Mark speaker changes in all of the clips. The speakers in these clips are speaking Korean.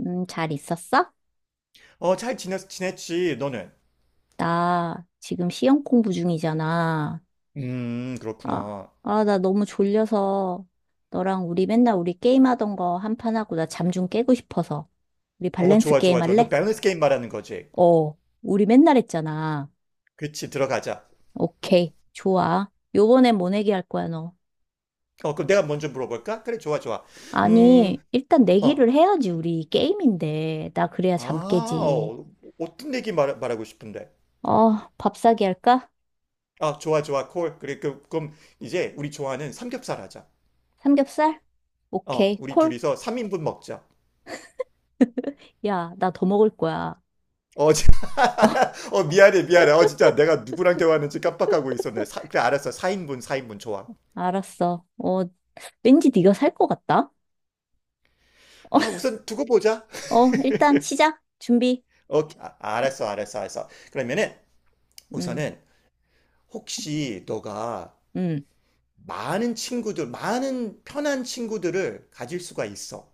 Speaker 1: 잘 있었어?
Speaker 2: 잘 지냈지, 너는?
Speaker 1: 나 지금 시험 공부 중이잖아. 아,
Speaker 2: 그렇구나.
Speaker 1: 아, 나 너무 졸려서 너랑 우리 맨날 우리 게임하던 거 한 판 하고 나 잠 좀 깨고 싶어서. 우리
Speaker 2: 어,
Speaker 1: 밸런스
Speaker 2: 좋아,
Speaker 1: 게임
Speaker 2: 좋아, 좋아. 너
Speaker 1: 할래?
Speaker 2: 밸런스 게임 말하는 거지?
Speaker 1: 어, 우리 맨날 했잖아.
Speaker 2: 그치, 들어가자.
Speaker 1: 오케이, 좋아. 요번엔 뭐 내기 할 거야, 너?
Speaker 2: 어, 그럼 내가 먼저 물어볼까? 그래, 좋아, 좋아. 음,
Speaker 1: 아니, 일단
Speaker 2: 어,
Speaker 1: 내기를 해야지, 우리 게임인데. 나 그래야 잠
Speaker 2: 아,
Speaker 1: 깨지.
Speaker 2: 어, 어떤 얘기 말하고 싶은데?
Speaker 1: 어, 밥 사기 할까?
Speaker 2: 아, 좋아, 좋아, 콜. 그래, 그럼 이제 우리 좋아하는 삼겹살 하자.
Speaker 1: 삼겹살? 오케이,
Speaker 2: 우리
Speaker 1: 콜?
Speaker 2: 둘이서 3인분 먹자.
Speaker 1: 야, 나 더 먹을 거야.
Speaker 2: 자, 미안해, 미안해. 진짜 내가 누구랑 대화하는지 깜빡하고 있었네. 그래, 알았어. 4인분, 4인분, 좋아.
Speaker 1: 알았어. 어, 왠지 네가 살 것 같다.
Speaker 2: 아, 우선 두고 보자.
Speaker 1: 어, 일단 시작. 준비.
Speaker 2: 오케이, 아, 알았어, 알았어, 알았어. 그러면은
Speaker 1: 음,
Speaker 2: 우선은 혹시 너가
Speaker 1: 음,
Speaker 2: 많은 친구들, 많은 편한 친구들을 가질 수가 있어.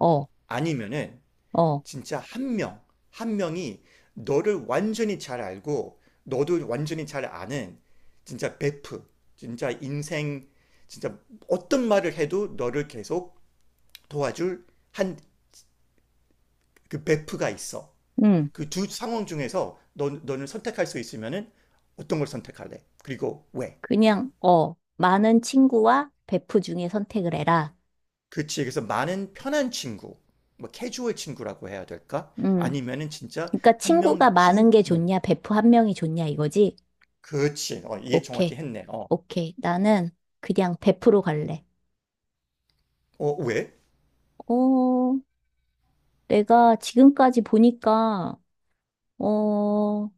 Speaker 1: 어,
Speaker 2: 아니면은
Speaker 1: 어,
Speaker 2: 진짜 한 명이 너를 완전히 잘 알고 너도 완전히 잘 아는 진짜 베프, 진짜 인생, 진짜 어떤 말을 해도 너를 계속 도와줄 한 그 베프가 있어.
Speaker 1: 음.
Speaker 2: 그 두 상황 중에서 너는 선택할 수 있으면은 어떤 걸 선택할래? 그리고 왜?
Speaker 1: 그냥 어, 많은 친구와 베프 중에 선택을 해라.
Speaker 2: 그치. 그래서 많은 편한 친구, 뭐 캐주얼 친구라고 해야 될까?
Speaker 1: 음.
Speaker 2: 아니면은 진짜
Speaker 1: 그러니까
Speaker 2: 한
Speaker 1: 친구가
Speaker 2: 명
Speaker 1: 많은 게
Speaker 2: 뭐,
Speaker 1: 좋냐, 베프 한 명이 좋냐 이거지?
Speaker 2: 그치. 어, 이해 정확히
Speaker 1: 오케이,
Speaker 2: 했네.
Speaker 1: 오케이. 나는 그냥 베프로 갈래.
Speaker 2: 왜?
Speaker 1: 어, 내가 지금까지 보니까 어,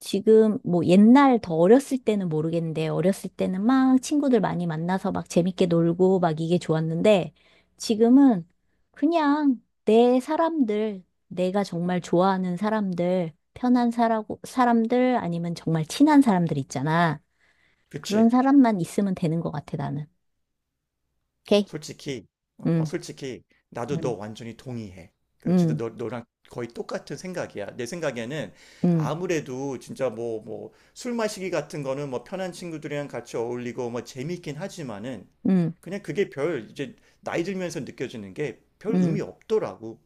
Speaker 1: 지금 뭐 옛날 더 어렸을 때는 모르겠는데 어렸을 때는 막 친구들 많이 만나서 막 재밌게 놀고 막 이게 좋았는데 지금은 그냥 내 사람들, 내가 정말 좋아하는 사람들, 편한 사라고, 사람들 아니면 정말 친한 사람들 있잖아. 그런
Speaker 2: 그치.
Speaker 1: 사람만 있으면 되는 것 같아, 나는. 오케이?
Speaker 2: 솔직히, 어, 어,
Speaker 1: 응,
Speaker 2: 솔직히, 나도 너
Speaker 1: 응,
Speaker 2: 완전히 동의해. 그 진짜
Speaker 1: 응,
Speaker 2: 너랑 거의 똑같은 생각이야. 내 생각에는
Speaker 1: 응,
Speaker 2: 아무래도 진짜 뭐, 뭐, 술 마시기 같은 거는 뭐 편한 친구들이랑 같이 어울리고 뭐 재밌긴 하지만은
Speaker 1: 응,
Speaker 2: 그냥 그게 이제 나이 들면서 느껴지는 게 별
Speaker 1: 응,
Speaker 2: 의미 없더라고.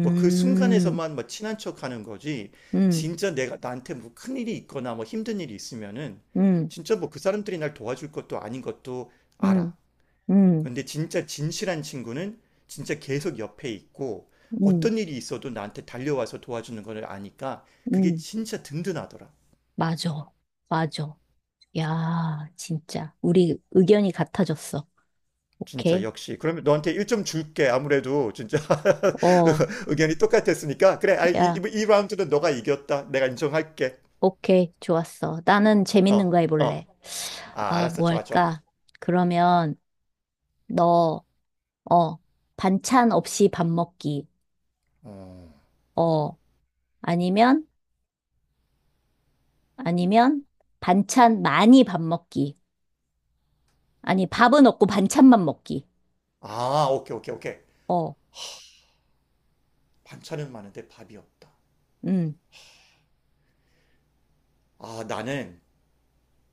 Speaker 2: 뭐 그 순간에서만 뭐 친한 척 하는 거지.
Speaker 1: 응,
Speaker 2: 진짜 내가 나한테 뭐 큰일이 있거나 뭐 힘든 일이 있으면은
Speaker 1: 응,
Speaker 2: 진짜 뭐 그 사람들이 날 도와줄 것도 아닌 것도
Speaker 1: 응,
Speaker 2: 알아.
Speaker 1: 응,
Speaker 2: 근데 진짜 진실한 친구는 진짜 계속 옆에 있고
Speaker 1: 응, 응.
Speaker 2: 어떤 일이 있어도 나한테 달려와서 도와주는 걸 아니까 그게
Speaker 1: 응.
Speaker 2: 진짜 든든하더라.
Speaker 1: 맞아. 맞아. 야, 진짜. 우리 의견이 같아졌어.
Speaker 2: 진짜
Speaker 1: 오케이.
Speaker 2: 역시. 그러면 너한테 1점 줄게. 아무래도 진짜
Speaker 1: 어,
Speaker 2: 의견이 똑같았으니까 그래. 아, 이,
Speaker 1: 야,
Speaker 2: 이- 이 라운드는 너가 이겼다. 내가 인정할게.
Speaker 1: 오케이. 좋았어. 나는
Speaker 2: 어,
Speaker 1: 재밌는 거
Speaker 2: 어.
Speaker 1: 해볼래.
Speaker 2: 아,
Speaker 1: 아,
Speaker 2: 알았어.
Speaker 1: 뭐
Speaker 2: 좋아, 좋아.
Speaker 1: 할까? 그러면, 너, 어, 반찬 없이 밥 먹기.
Speaker 2: 어.
Speaker 1: 어, 아니면, 아니면, 반찬 많이 밥 먹기. 아니, 밥은 없고 반찬만 먹기.
Speaker 2: 아, 오케이, 오케이, 오케이.
Speaker 1: 어,
Speaker 2: 반찬은 많은데 밥이 없다.
Speaker 1: 음,
Speaker 2: 아, 나는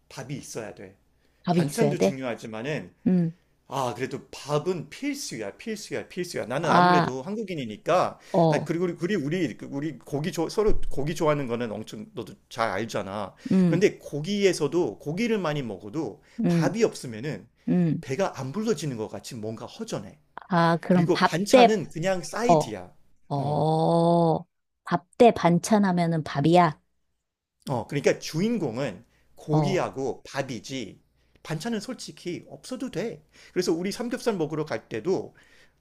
Speaker 2: 밥이 있어야 돼.
Speaker 1: 밥이 있어야
Speaker 2: 반찬도
Speaker 1: 돼?
Speaker 2: 중요하지만은
Speaker 1: 음,
Speaker 2: 아, 그래도 밥은 필수야, 필수야, 필수야. 나는
Speaker 1: 아,
Speaker 2: 아무래도 한국인이니까, 난
Speaker 1: 어,
Speaker 2: 그리고 우리 고기 좋아 서로 고기 좋아하는 거는 엄청 너도 잘 알잖아.
Speaker 1: 음,
Speaker 2: 그런데 고기에서도 고기를 많이 먹어도
Speaker 1: 음,
Speaker 2: 밥이 없으면은
Speaker 1: 음.
Speaker 2: 배가 안 불러지는 것 같이 뭔가 허전해.
Speaker 1: 아, 그럼
Speaker 2: 그리고
Speaker 1: 밥 대,
Speaker 2: 반찬은 그냥
Speaker 1: 어,
Speaker 2: 사이드야. 어.
Speaker 1: 어, 밥 대 반찬 하면은 밥이야?
Speaker 2: 그러니까 주인공은
Speaker 1: 어,
Speaker 2: 고기하고 밥이지 반찬은 솔직히 없어도 돼. 그래서 우리 삼겹살 먹으러 갈 때도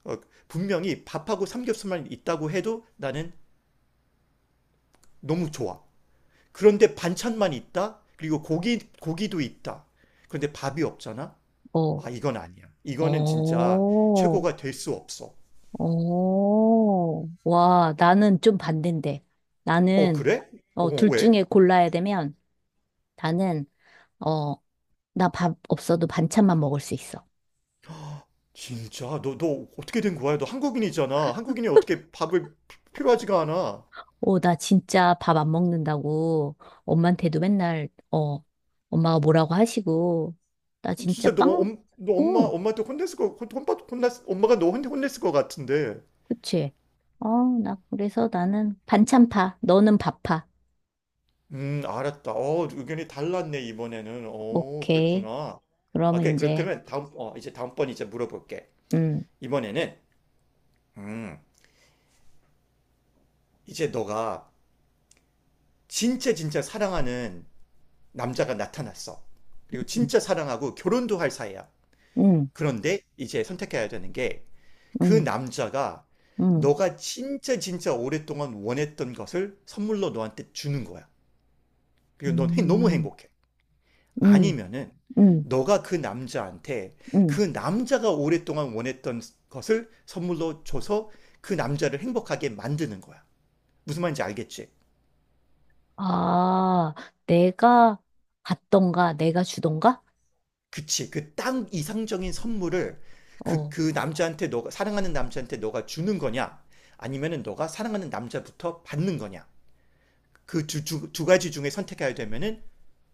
Speaker 2: 어, 분명히 밥하고 삼겹살만 있다고 해도 나는 너무 좋아. 그런데 반찬만 있다? 그리고 고기도 있다. 그런데 밥이 없잖아?
Speaker 1: 어,
Speaker 2: 아, 이건 아니야. 이거는
Speaker 1: 어,
Speaker 2: 진짜 최고가 될 수 없어.
Speaker 1: 어. 와, 나는 좀 반대인데.
Speaker 2: 어,
Speaker 1: 나는,
Speaker 2: 그래?
Speaker 1: 어,
Speaker 2: 어,
Speaker 1: 둘
Speaker 2: 왜?
Speaker 1: 중에 골라야 되면, 나는, 어, 나 밥 없어도 반찬만 먹을 수 있어.
Speaker 2: 진짜, 너 어떻게 된 거야? 너 한국인이잖아. 한국인이 어떻게 밥을 필요하지가 않아.
Speaker 1: 어, 나 진짜 밥 안 먹는다고 엄마한테도 맨날, 어, 엄마가 뭐라고 하시고, 나 진짜
Speaker 2: 진짜 너,
Speaker 1: 빵,
Speaker 2: 엄, 너 엄마
Speaker 1: 어,
Speaker 2: 엄마한테 혼냈을 거 혼- 혼받 혼났 엄마가 너 혼냈을 것 같은데.
Speaker 1: 그치? 어, 나, 그래서 나는 반찬파, 너는 밥파.
Speaker 2: 알았다. 의견이 달랐네 이번에는.
Speaker 1: 오케이.
Speaker 2: 그랬구나. 아,
Speaker 1: 그러면
Speaker 2: 오케이, 그럼
Speaker 1: 이제,
Speaker 2: 그러면 다음 어 이제 다음번 이제 물어볼게.
Speaker 1: 음,
Speaker 2: 이번에는 음 이제 너가 진짜 진짜 사랑하는 남자가 나타났어. 그리고
Speaker 1: 음,
Speaker 2: 진짜 사랑하고 결혼도 할 사이야.
Speaker 1: 음,
Speaker 2: 그런데 이제 선택해야 되는 게 그 남자가
Speaker 1: 음,
Speaker 2: 너가 진짜 진짜 오랫동안 원했던 것을 선물로 너한테 주는 거야.
Speaker 1: 음,
Speaker 2: 그리고 넌 너무
Speaker 1: 음,
Speaker 2: 행복해.
Speaker 1: 음,
Speaker 2: 아니면은
Speaker 1: 음.
Speaker 2: 너가 그 남자한테 그
Speaker 1: 음.
Speaker 2: 남자가 오랫동안 원했던 것을 선물로 줘서 그 남자를 행복하게 만드는 거야. 무슨 말인지 알겠지?
Speaker 1: 아, 내가 받던가, 내가 주던가?
Speaker 2: 그치. 그 딱 이상적인 선물을
Speaker 1: 어,
Speaker 2: 그 남자한테 너가, 사랑하는 남자한테 너가 주는 거냐? 아니면은 너가 사랑하는 남자부터 받는 거냐? 그 두 가지 중에 선택해야 되면은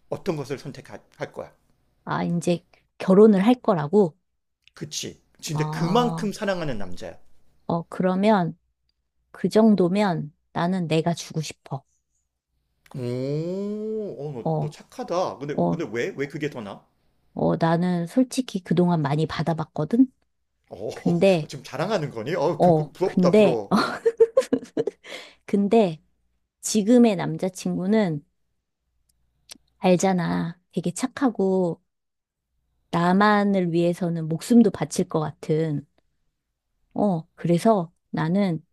Speaker 2: 어떤 것을 선택할 거야?
Speaker 1: 아, 이제 결혼을 할 거라고?
Speaker 2: 그치. 진짜
Speaker 1: 아,
Speaker 2: 그만큼 사랑하는 남자야.
Speaker 1: 어, 그러면 그 정도면 나는 내가 주고 싶어.
Speaker 2: 오, 너
Speaker 1: 어,
Speaker 2: 착하다. 근데,
Speaker 1: 어,
Speaker 2: 근데 왜? 왜 그게 더 나?
Speaker 1: 어, 나는 솔직히 그동안 많이 받아봤거든?
Speaker 2: 어,
Speaker 1: 근데,
Speaker 2: 지금 자랑하는 거니? 그
Speaker 1: 어,
Speaker 2: 부럽다,
Speaker 1: 근데,
Speaker 2: 부러워.
Speaker 1: 어, 근데 지금의 남자친구는 알잖아. 되게 착하고 나만을 위해서는 목숨도 바칠 것 같은. 어, 그래서 나는,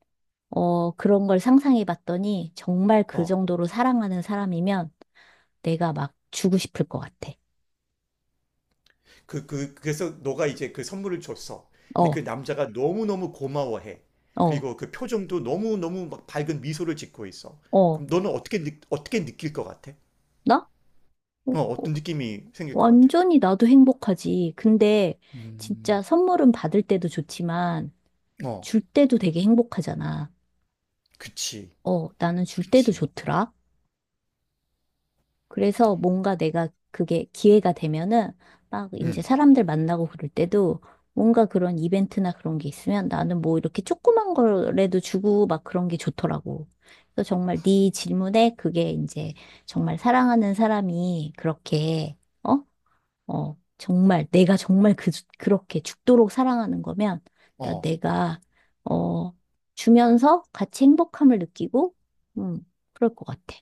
Speaker 1: 어, 그런 걸 상상해 봤더니 정말 그
Speaker 2: 어,
Speaker 1: 정도로 사랑하는 사람이면 내가 막 주고 싶을 것 같아.
Speaker 2: 그래서 너가 이제 그 선물을 줬어. 근데 그
Speaker 1: 어,
Speaker 2: 남자가 너무너무 고마워해.
Speaker 1: 어,
Speaker 2: 그리고 그 표정도 너무너무 막 밝은 미소를 짓고 있어.
Speaker 1: 어.
Speaker 2: 그럼 너는 어떻게 느낄 것 같아?
Speaker 1: 나? 어,
Speaker 2: 어떤 느낌이 생길 것 같아?
Speaker 1: 완전히 나도 행복하지. 근데 진짜
Speaker 2: 음,
Speaker 1: 선물은 받을 때도 좋지만
Speaker 2: 어,
Speaker 1: 줄 때도 되게 행복하잖아.
Speaker 2: 그치,
Speaker 1: 어, 나는 줄 때도
Speaker 2: 그치.
Speaker 1: 좋더라. 그래서 뭔가 내가 그게 기회가 되면은 막 이제
Speaker 2: 음.
Speaker 1: 사람들 만나고 그럴 때도 뭔가 그런 이벤트나 그런 게 있으면 나는 뭐 이렇게 조그만 거라도 주고 막 그런 게 좋더라고. 그래서 정말 네 질문에 그게 이제 정말 사랑하는 사람이 그렇게 어? 어, 정말 내가 정말 그렇게 죽도록 사랑하는 거면 나
Speaker 2: 어,
Speaker 1: 내가 어 주면서 같이 행복함을 느끼고 음 그럴 것 같아.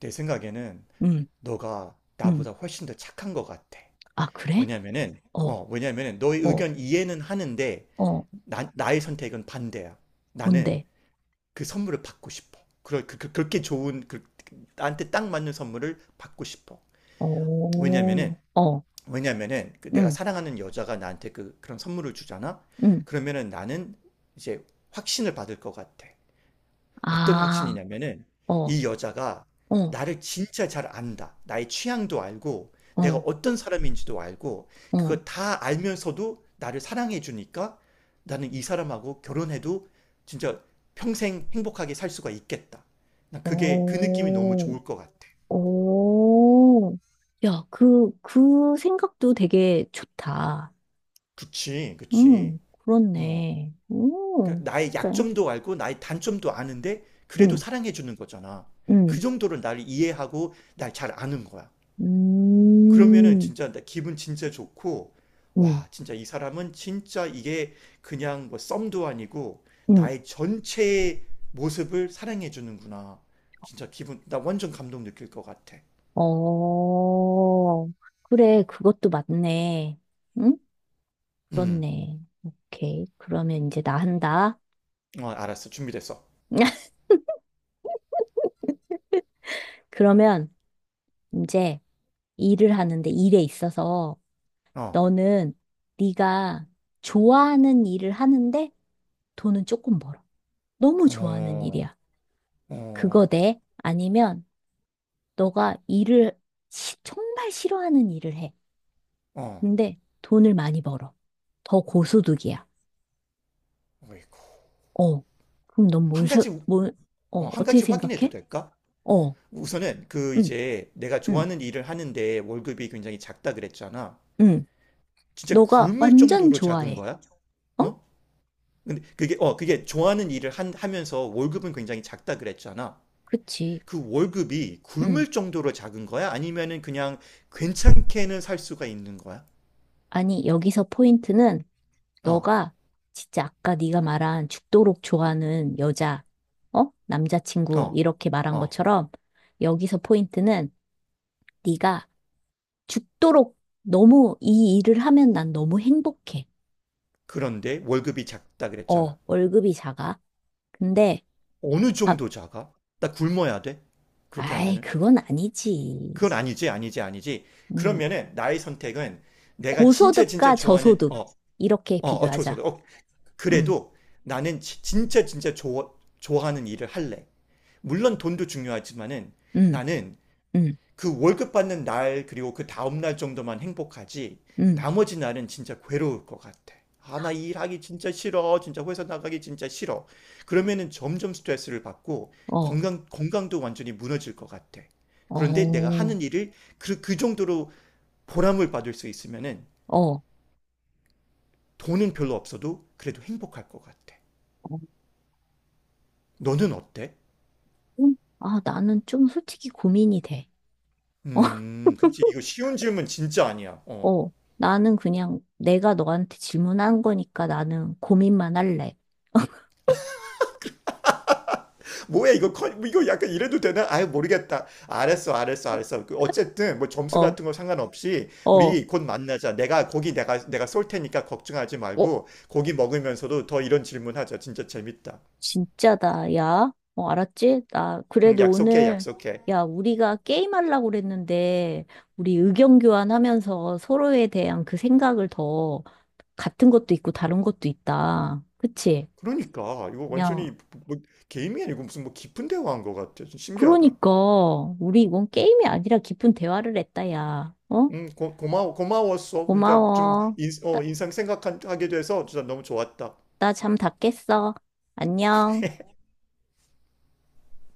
Speaker 2: 내 생각에는
Speaker 1: 음.
Speaker 2: 너가
Speaker 1: 음.
Speaker 2: 나보다 훨씬 더 착한 것 같아.
Speaker 1: 아, 그래?
Speaker 2: 왜냐면은,
Speaker 1: 어,
Speaker 2: 어, 왜냐면은 너의
Speaker 1: 어,
Speaker 2: 의견 이해는 하는데,
Speaker 1: 어,
Speaker 2: 나의 선택은 반대야. 나는
Speaker 1: 뭔데?
Speaker 2: 그 선물을 받고 싶어. 그렇게 좋은, 나한테 딱 맞는 선물을 받고 싶어.
Speaker 1: 오,
Speaker 2: 왜냐면은,
Speaker 1: 어,
Speaker 2: 왜냐면은 그 내가
Speaker 1: 응,
Speaker 2: 사랑하는 여자가 나한테 그런 선물을 주잖아?
Speaker 1: 응,
Speaker 2: 그러면은 나는 이제 확신을 받을 것 같아. 어떤
Speaker 1: 아,
Speaker 2: 확신이냐면은
Speaker 1: 어, 어,
Speaker 2: 이 여자가 나를 진짜 잘 안다. 나의 취향도 알고 내가
Speaker 1: 어,
Speaker 2: 어떤 사람인지도 알고
Speaker 1: 어,
Speaker 2: 그거 다 알면서도 나를 사랑해 주니까 나는 이 사람하고 결혼해도 진짜 평생 행복하게 살 수가 있겠다. 난 그게 그 느낌이 너무
Speaker 1: 오,
Speaker 2: 좋을 것 같아.
Speaker 1: 오. 야, 그 생각도 되게 좋다.
Speaker 2: 그치, 그치.
Speaker 1: 응,
Speaker 2: 뭐
Speaker 1: 그렇네. 응,
Speaker 2: 그러니까 나의
Speaker 1: 그래.
Speaker 2: 약점도 알고 나의 단점도 아는데 그래도
Speaker 1: 응,
Speaker 2: 사랑해 주는 거잖아. 그
Speaker 1: 응,
Speaker 2: 정도로 나를 이해하고 날 잘 아는 거야. 그러면은
Speaker 1: 음,
Speaker 2: 진짜 나 기분 진짜 좋고
Speaker 1: 응,
Speaker 2: 와 진짜 이 사람은 진짜 이게 그냥 뭐 썸도 아니고
Speaker 1: 응,
Speaker 2: 나의 전체의 모습을 사랑해 주는구나. 진짜 기분 나 완전 감동 느낄 것 같아.
Speaker 1: 어, 그래, 그것도 맞네. 응?
Speaker 2: 음,
Speaker 1: 그렇네. 오케이. 그러면 이제 나 한다.
Speaker 2: 알았어, 준비됐어.
Speaker 1: 그러면 이제 일을 하는데 일에 있어서
Speaker 2: 어,
Speaker 1: 너는 네가 좋아하는 일을 하는데 돈은 조금 벌어. 너무 좋아하는
Speaker 2: 어,
Speaker 1: 일이야. 그거
Speaker 2: 어,
Speaker 1: 돼? 아니면 너가 일을 시- 정말 싫어하는 일을 해.
Speaker 2: 어.
Speaker 1: 근데 돈을 많이 벌어. 더 고소득이야.
Speaker 2: 어이구.
Speaker 1: 어. 그럼 넌 뭘,
Speaker 2: 한
Speaker 1: 서-
Speaker 2: 가지 우-
Speaker 1: 뭘, 어,
Speaker 2: 한
Speaker 1: 어떻게
Speaker 2: 가지 확인해도
Speaker 1: 생각해?
Speaker 2: 될까?
Speaker 1: 어.
Speaker 2: 우선은 그
Speaker 1: 응,
Speaker 2: 이제 내가
Speaker 1: 응,
Speaker 2: 좋아하는 일을 하는데 월급이 굉장히 작다 그랬잖아.
Speaker 1: 응.
Speaker 2: 진짜
Speaker 1: 너가
Speaker 2: 굶을
Speaker 1: 완전
Speaker 2: 정도로 작은
Speaker 1: 좋아해.
Speaker 2: 거야?
Speaker 1: 어?
Speaker 2: 어? 근데 그게 좋아하는 일을 하면서 월급은 굉장히 작다 그랬잖아.
Speaker 1: 그치.
Speaker 2: 그 월급이
Speaker 1: 응.
Speaker 2: 굶을 정도로 작은 거야? 아니면은 그냥 괜찮게는 살 수가 있는 거야?
Speaker 1: 아니, 여기서 포인트는
Speaker 2: 어,
Speaker 1: 너가 진짜 아까 네가 말한 죽도록 좋아하는 여자, 어? 남자친구
Speaker 2: 어,
Speaker 1: 이렇게 말한
Speaker 2: 어.
Speaker 1: 것처럼 여기서 포인트는 네가 죽도록 너무 이 일을 하면 난 너무 행복해.
Speaker 2: 그런데 월급이 작다 그랬잖아.
Speaker 1: 어, 월급이 작아. 근데
Speaker 2: 어느
Speaker 1: 아,
Speaker 2: 정도 작아? 나 굶어야 돼? 그렇게
Speaker 1: 아이,
Speaker 2: 하면은?
Speaker 1: 그건 아니지.
Speaker 2: 그건 아니지, 아니지, 아니지.
Speaker 1: 음.
Speaker 2: 그러면은 나의 선택은 내가 진짜 진짜
Speaker 1: 고소득과
Speaker 2: 좋아하는,
Speaker 1: 저소득 이렇게
Speaker 2: 조선.
Speaker 1: 비교하자. 음.
Speaker 2: 그래도 나는 진짜 진짜 좋아하는 일을 할래. 물론 돈도 중요하지만은
Speaker 1: 음.
Speaker 2: 나는
Speaker 1: 음.
Speaker 2: 그 월급 받는 날 그리고 그 다음 날 정도만 행복하지
Speaker 1: 음.
Speaker 2: 나머지 날은 진짜 괴로울 것 같아. 아, 나 일하기 진짜 싫어. 진짜 회사 나가기 진짜 싫어. 그러면은 점점 스트레스를 받고
Speaker 1: 어.
Speaker 2: 건강도 완전히 무너질 것 같아. 그런데 내가
Speaker 1: 어.
Speaker 2: 하는 일을 그 정도로 보람을 받을 수 있으면은
Speaker 1: 어,
Speaker 2: 돈은 별로 없어도 그래도 행복할 것 같아.
Speaker 1: 어,
Speaker 2: 너는 어때?
Speaker 1: 아, 나는 좀 솔직히 고민이 돼.
Speaker 2: 그치. 이거 쉬운 질문 진짜 아니야. 어.
Speaker 1: 어, 나는 그냥 내가 너한테 질문한 거니까 나는 고민만 할래.
Speaker 2: 뭐야 이거 이거 약간 이래도 되나? 아유 모르겠다. 알았어, 알았어, 알았어. 그 어쨌든 뭐 점수
Speaker 1: 어,
Speaker 2: 같은 거 상관없이
Speaker 1: 어,
Speaker 2: 우리 곧 만나자. 내가 고기 내가 내가 쏠 테니까 걱정하지
Speaker 1: 어,
Speaker 2: 말고 고기 먹으면서도 더 이런 질문하자. 진짜 재밌다.
Speaker 1: 진짜다, 야. 어, 알았지? 나,
Speaker 2: 응,
Speaker 1: 그래도
Speaker 2: 약속해,
Speaker 1: 오늘,
Speaker 2: 약속해.
Speaker 1: 야, 우리가 게임하려고 그랬는데, 우리 의견 교환하면서 서로에 대한 그 생각을 더, 같은 것도 있고 다른 것도 있다. 그치?
Speaker 2: 그러니까 이거
Speaker 1: 야,
Speaker 2: 완전히 뭐 게임이 아니고 무슨 뭐 깊은 대화한 것 같아. 좀 신기하다.
Speaker 1: 그러니까, 우리 이건 게임이 아니라 깊은 대화를 했다, 야. 어?
Speaker 2: 응, 고마워, 고마웠어. 진짜 좀
Speaker 1: 고마워. 나,
Speaker 2: 인상 생각하게 돼서 진짜 너무 좋았다.
Speaker 1: 나잠 다 깼어. 안녕.